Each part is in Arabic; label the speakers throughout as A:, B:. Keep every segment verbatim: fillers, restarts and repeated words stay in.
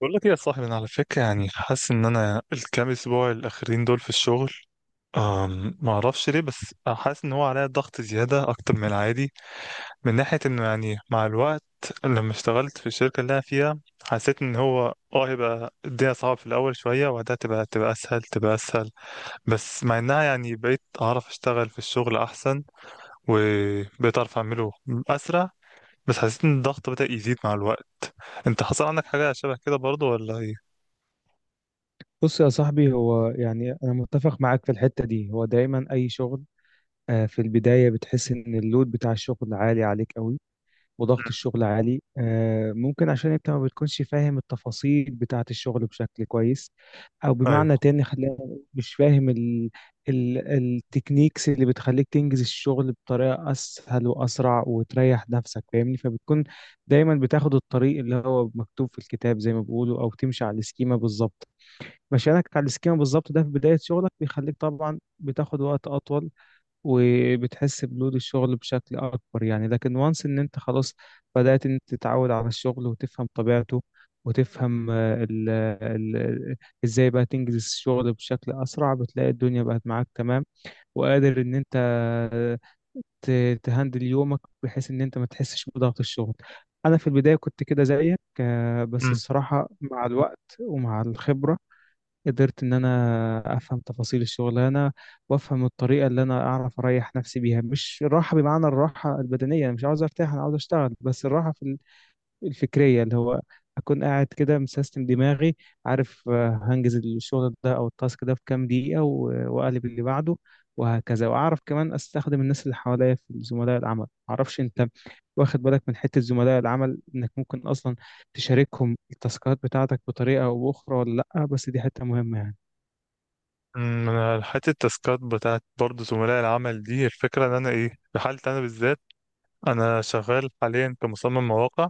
A: بقول لك ايه يا صاحبي؟ انا على فكره يعني حاسس ان انا الكام اسبوع الاخرين دول في الشغل. أم، ما اعرفش ليه بس حاسس ان هو عليا ضغط زياده اكتر من العادي، من ناحيه انه يعني مع الوقت. لما اشتغلت في الشركه اللي انا فيها حسيت ان هو اه هيبقى الدنيا صعبه في الاول شويه، وبعدها تبقى تبقى اسهل تبقى اسهل. بس مع انها يعني بقيت اعرف اشتغل في الشغل احسن، وبقيت اعرف اعمله اسرع. بس حسيت ان الضغط بدأ يزيد مع الوقت. انت حصل عندك حاجه شبه كده برضو ولا ايه؟
B: بص يا صاحبي، هو يعني أنا متفق معاك في الحتة دي. هو دايما أي شغل، آه، في البداية بتحس إن اللود بتاع الشغل عالي عليك قوي، وضغط الشغل عالي. آه، ممكن عشان أنت ما بتكونش فاهم التفاصيل بتاعة الشغل بشكل كويس، أو بمعنى
A: ايوه.
B: تاني خلينا نقول مش فاهم ال ال التكنيكس اللي بتخليك تنجز الشغل بطريقة أسهل وأسرع وتريح نفسك، فاهمني؟ فبتكون دايما بتاخد الطريق اللي هو مكتوب في الكتاب زي ما بيقولوا، أو تمشي على السكيمة بالظبط. مشيانك على السكيما بالظبط ده في بداية شغلك بيخليك طبعا بتاخد وقت أطول، وبتحس بلود الشغل بشكل أكبر يعني. لكن وانس إن أنت خلاص بدأت إن أنت تتعود على الشغل وتفهم طبيعته، وتفهم آه، ال ال ال- إزاي بقى تنجز الشغل بشكل أسرع. بتلاقي الدنيا بقت معاك تمام، وقادر إن أنت آه، ت- تهندل يومك بحيث إن أنت ما تحسش بضغط الشغل. أنا في البداية كنت كده زيك، آه، بس
A: أمم.
B: الصراحة مع الوقت ومع الخبرة قدرت إن أنا أفهم تفاصيل الشغلانة، وأفهم الطريقة اللي أنا أعرف أريح نفسي بيها. مش الراحة بمعنى الراحة البدنية، أنا مش عاوز أرتاح، أنا عاوز أشتغل، بس الراحة في ال- الفكرية، اللي هو أكون قاعد كده مسيستم دماغي، عارف، آه، هنجز الشغل ده أو التاسك ده في كام دقيقة و- وأقلب اللي بعده، وهكذا. وأعرف كمان أستخدم الناس اللي حواليا في زملاء العمل. معرفش أنت واخد بالك من حتة زملاء العمل إنك ممكن أصلا تشاركهم التاسكات بتاعتك بطريقة أو أخرى ولا لأ، بس دي حتة مهمة يعني.
A: أمم، انا حته التاسكات بتاعت برضه زملاء العمل دي، الفكره ان انا ايه، في حالتي انا بالذات انا شغال حاليا كمصمم مواقع.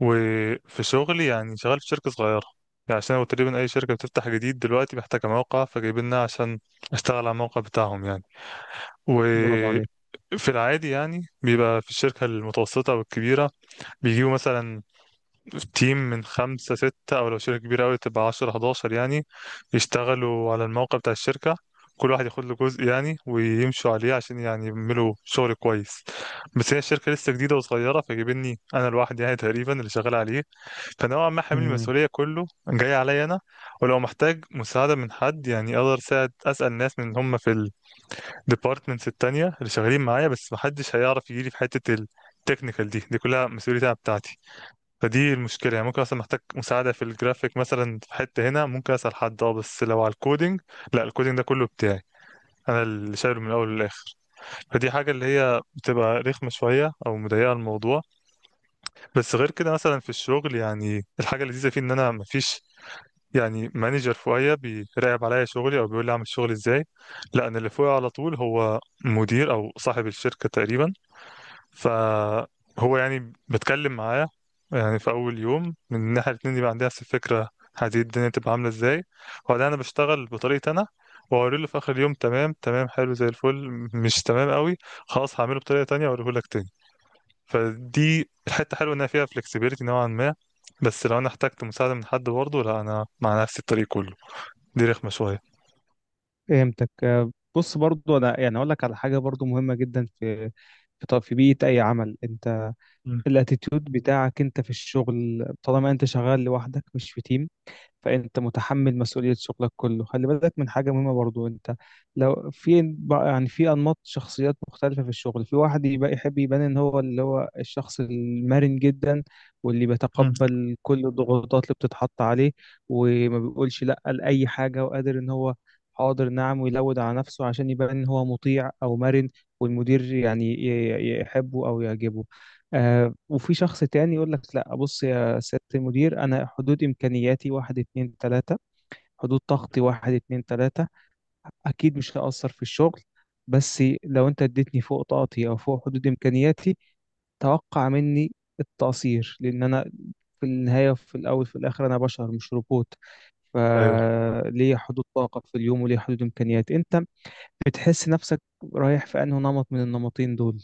A: وفي شغلي يعني شغال في شركه صغيره، يعني عشان هو تقريبا اي شركه بتفتح جديد دلوقتي محتاجه موقع، فجايبيننا عشان اشتغل على الموقع بتاعهم يعني.
B: برافو عليك.
A: وفي العادي يعني بيبقى في الشركه المتوسطه والكبيره بيجيبوا مثلا تيم من خمسة ستة، أو لو شركة كبيرة أوي تبقى عشرة حداشر يعني، يشتغلوا على الموقع بتاع الشركة، كل واحد ياخد له جزء يعني ويمشوا عليه عشان يعني يعملوا شغل كويس. بس هي الشركة لسه جديدة وصغيرة فجايبيني أنا لوحدي يعني تقريبا اللي شغال عليه، فنوعا ما حامل
B: امم،
A: المسؤولية كله جاي عليا أنا. ولو محتاج مساعدة من حد يعني أقدر أساعد أسأل ناس من هم في الديبارتمنتس التانية اللي شغالين معايا، بس محدش هيعرف يجيلي في حتة التكنيكال، دي دي كلها مسؤوليتها بتاعتي. فدي المشكلة يعني، ممكن أصلا محتاج مساعدة في الجرافيك مثلا في حتة هنا ممكن أسأل حد اه، بس لو على الكودينج لا الكودينج ده كله بتاعي، أنا اللي شايله من الأول للآخر. فدي حاجة اللي هي بتبقى رخمة شوية أو مضيقة الموضوع. بس غير كده مثلا في الشغل يعني الحاجة اللذيذة فيه إن أنا مفيش يعني مانجر فوقيا بيراقب عليا شغلي أو بيقول لي أعمل شغلي إزاي، لا أنا اللي فوقي على طول هو مدير أو صاحب الشركة تقريبا. فهو يعني بتكلم معاه يعني في أول يوم من إن احنا الاتنين يبقى عندنا نفس الفكرة، هذه الدنيا تبقى عاملة ازاي، وبعدين أنا بشتغل بطريقتي أنا وأوريله في آخر اليوم. تمام تمام حلو زي الفل، مش تمام قوي خلاص هعمله بطريقة تانية وأوريهولك تاني. فدي الحتة حلوة إن فيها flexibility نوعا ما. بس لو أنا احتجت مساعدة من حد برضه، لا أنا مع نفسي الطريق كله، دي رخمة شوية.
B: فهمتك. آه، بص برضو، انا يعني اقول لك على حاجه برضو مهمه جدا في في ط- في بيئه اي عمل. انت
A: مم.
B: الاتيتيود بتاعك انت في الشغل طالما انت شغال لوحدك مش في تيم، فانت متحمل مسؤولية شغلك كله. خلي بالك من حاجة مهمة برضو. انت لو في يعني في انماط شخصيات مختلفة في الشغل، في واحد يبقى يحب يبان ان هو اللي هو الشخص المرن جدا، واللي
A: مم.
B: بيتقبل كل الضغوطات اللي بتتحط عليه، وما بيقولش لا لأي حاجة، وقادر ان هو حاضر نعم، ويلود على نفسه عشان يبان ان هو مطيع او مرن، والمدير يعني ي- ي- يحبه او يعجبه. آه وفي شخص تاني يقول لك لا، بص سيادة المدير، أنا حدود إمكانياتي واحد اتنين تلاتة، حدود طاقتي واحد اتنين تلاتة. أكيد مش هأثر في الشغل، بس لو أنت اديتني فوق طاقتي أو فوق حدود إمكانياتي، توقع مني التقصير، لأن أنا في النهاية، في الأول في الآخر، أنا بشر مش روبوت،
A: ايوه.
B: فليا حدود طاقة في اليوم وليا حدود إمكانيات. أنت بتحس نفسك رايح في أنه نمط من النمطين دول؟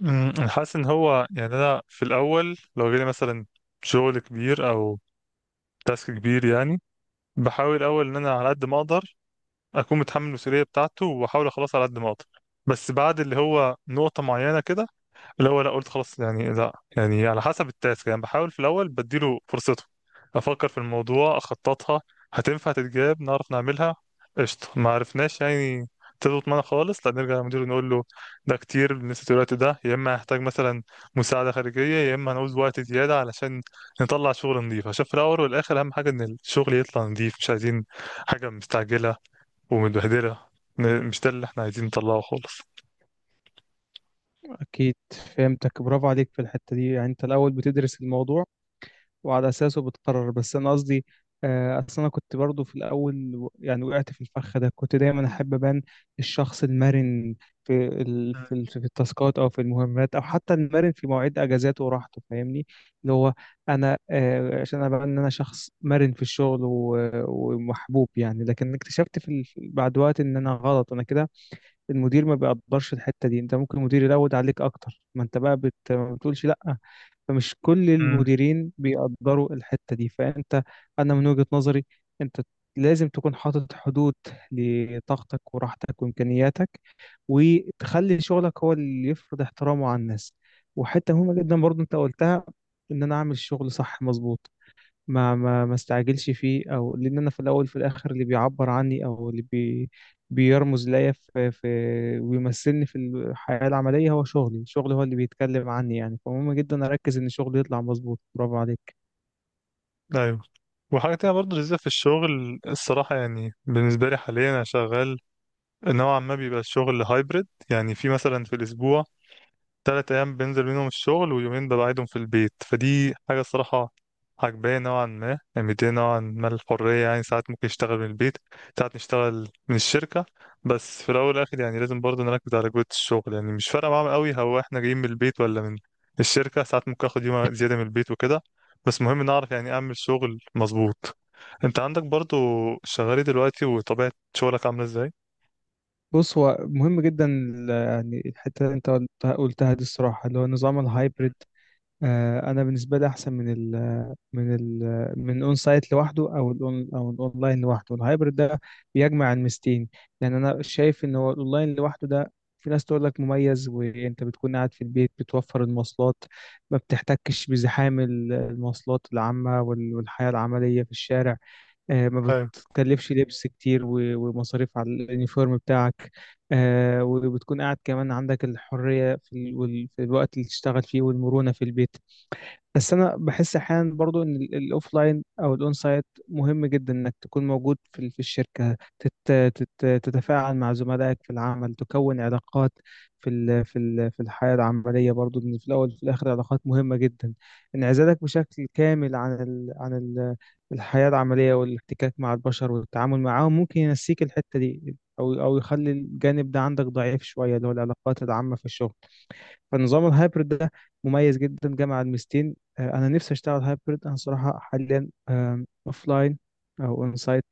A: مم. انا حاسس ان هو يعني انا في الاول لو جالي مثلا شغل كبير او تاسك كبير يعني بحاول اول ان انا على قد ما اقدر اكون متحمل المسؤوليه بتاعته، واحاول اخلصها على قد ما اقدر. بس بعد اللي هو نقطه معينه كده، الأول لا قلت خلاص يعني لا، يعني على حسب التاسك يعني بحاول في الأول بديله فرصته أفكر في الموضوع أخططها، هتنفع تتجاب نعرف نعملها قشطة، ما عرفناش يعني تظبط معانا خالص لا نرجع للمدير نقول له ده كتير بالنسبة للوقت ده، يا إما هحتاج مثلا مساعدة خارجية يا إما هنعوز وقت زيادة علشان نطلع شغل نظيف، عشان في الأول والآخر أهم حاجة إن الشغل يطلع نظيف، مش عايزين حاجة مستعجلة ومتبهدلة. م- مش ده اللي إحنا عايزين نطلعه خالص.
B: أكيد، فهمتك، برافو عليك في الحتة دي. يعني أنت الأول بتدرس الموضوع وعلى أساسه بتقرر. بس أنا قصدي آه، أصل أنا كنت برضو في الأول و- يعني وقعت في الفخ ده. كنت دايما أحب أبان الشخص المرن في ال... في ال... في التاسكات أو في المهمات، أو حتى المرن في مواعيد أجازاته وراحته، فاهمني؟ اللي هو أنا آه، عشان أبان إن أنا شخص مرن في الشغل و... ومحبوب يعني. لكن اكتشفت في ال... بعد وقت إن أنا غلط أنا كده. المدير ما بيقدرش الحتة دي. انت ممكن المدير يلود عليك اكتر ما انت بقى بت... ما بتقولش لا، فمش كل
A: أمم.
B: المديرين بيقدروا الحتة دي. فانت انا من وجهة نظري، انت لازم تكون حاطط حدود لطاقتك وراحتك وامكانياتك، وتخلي شغلك هو اللي يفرض احترامه على الناس. وحتة مهمة جدا برضو انت قلتها، ان انا اعمل شغل صح مظبوط، ما ما ما استعجلش فيه، او لان انا في الاول في الاخر اللي بيعبر عني او اللي بي بيرمز ليا في في ويمثلني في الحياة العملية هو شغلي. شغلي هو اللي بيتكلم عني يعني، فمهم جدا اركز ان شغلي يطلع مظبوط. برافو عليك.
A: أيوه. وحاجة تانية برضه لذيذة في الشغل الصراحة، يعني بالنسبة لي حاليا أنا شغال نوعا ما بيبقى الشغل هايبرد، يعني في مثلا في الأسبوع تلات أيام بنزل منهم الشغل ويومين ببعدهم في البيت. فدي حاجة الصراحة عجباني نوعا ما، مدية نوعا ما الحرية، يعني ساعات ممكن نشتغل من البيت ساعات نشتغل من الشركة. بس في الأول والآخر يعني لازم برضه نركز على جودة الشغل، يعني مش فارقة معاهم قوي هو احنا جايين من البيت ولا من الشركة، ساعات ممكن آخد يوم زيادة من البيت وكده، بس مهم نعرف يعني أعمل شغل مظبوط. أنت عندك برضه شغال إيه دلوقتي وطبيعة شغلك عاملة إزاي؟
B: بص، هو مهم جدا ال- يعني الحتة اللي انت قلتها قلتها دي، الصراحة، اللي هو نظام الهايبرد. آه، انا بالنسبة لي احسن من من ال من الاون سايت لوحده، او الاون او الاونلاين لوحده. الهايبرد ده بيجمع الميزتين. يعني انا شايف ان هو الاونلاين لوحده ده في ناس تقول لك مميز، وانت بتكون قاعد في البيت، بتوفر المواصلات، ما بتحتكش بزحام ال- المواصلات العامة وال- والحياة العملية في الشارع. آه، ما
A: أيوة.
B: بتكلفش لبس كتير و- ومصاريف على اليونيفورم بتاعك. آه، وبتكون قاعد كمان عندك الحرية في ال- وال- في الوقت اللي تشتغل فيه، والمرونة في البيت. بس انا بحس احيانا برضو ان الاوف لاين او الاون سايت مهم جدا انك تكون موجود في ال- في الشركه، تت تت تتفاعل مع زملائك في العمل، تكون علاقات في ال في ال في الحياه العمليه. برضو ان في الاول وفي الاخر علاقات مهمه جدا. انعزالك بشكل كامل عن ال عن ال الحياه العمليه والاحتكاك مع البشر والتعامل معاهم ممكن ينسيك الحته دي، او او يخلي الجانب ده عندك ضعيف شويه، اللي هو العلاقات العامه في الشغل. فنظام الهايبرد ده مميز جدا، جامع الميزتين. آه، انا نفسي اشتغل هايبرد. انا صراحه حاليا اوف لاين او اون سايت،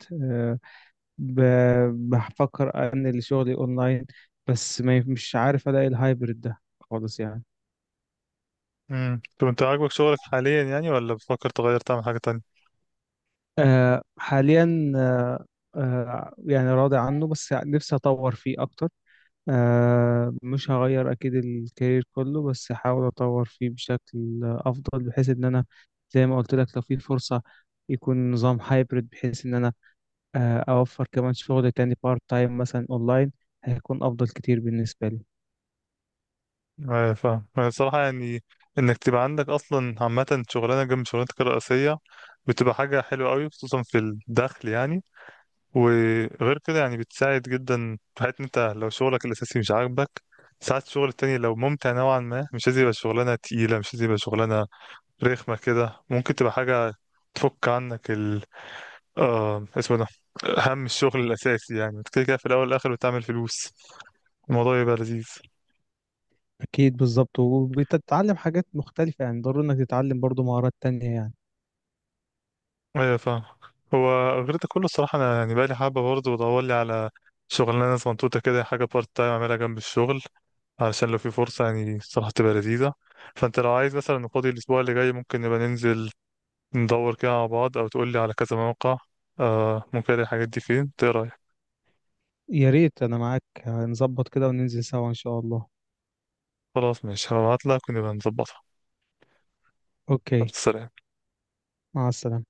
B: بفكر انقل شغلي اونلاين. بس ما مش عارف الاقي الهايبرد ده خالص يعني.
A: امم، طب أنت عاجبك شغلك حاليا يعني ولا بتفكر تغير تعمل حاجة تانية؟
B: آه، حاليا، آه، آه، يعني راضي عنه، بس نفسي اطور فيه اكتر. آه مش هغير أكيد الكارير كله، بس هحاول أطور فيه بشكل أفضل، بحيث إن أنا زي ما قلت لك، لو في فرصة يكون نظام هايبرد بحيث إن أنا آه أوفر كمان شغل تاني بارت تايم مثلا أونلاين. هيكون أفضل كتير بالنسبة لي.
A: آه، فاهم يعني، الصراحة يعني إنك تبقى عندك أصلا عامة شغلانة جنب شغلانتك الرئيسية بتبقى حاجة حلوة أوي خصوصا في الدخل يعني. وغير كده يعني بتساعد جدا في حياتك، أنت لو شغلك الأساسي مش عاجبك ساعات الشغل التاني لو ممتع نوعا ما، مش لازم يبقى شغلانة تقيلة مش لازم يبقى شغلانة رخمة كده، ممكن تبقى حاجة تفك عنك ال آه اسمه ده، هم الشغل الأساسي. يعني أنت كده كده في الأول والآخر بتعمل فلوس، الموضوع يبقى لذيذ.
B: أكيد بالظبط، وبتتعلم حاجات مختلفة يعني. ضروري إنك تتعلم برضو مهارات تانية يعني.
A: ايوه فاهم. هو غير ده كله الصراحه انا يعني بقالي حابه برضه بدور لي على شغلانه صنطوطه كده، حاجه بارت تايم اعملها جنب الشغل علشان لو في فرصه يعني الصراحه تبقى لذيذه. فانت لو عايز مثلا فاضي الاسبوع اللي جاي ممكن نبقى ننزل ندور كده مع بعض، او تقول لي على كذا موقع آه ممكن الاقي الحاجات دي فين. إنت ايه رايك؟
B: يا ريت، أنا معاك، هنظبط كده وننزل سوا إن شاء الله.
A: خلاص ماشي، هبعت لك ونبقى نظبطها.
B: أوكي.
A: خلاص، سلام.
B: مع السلامة.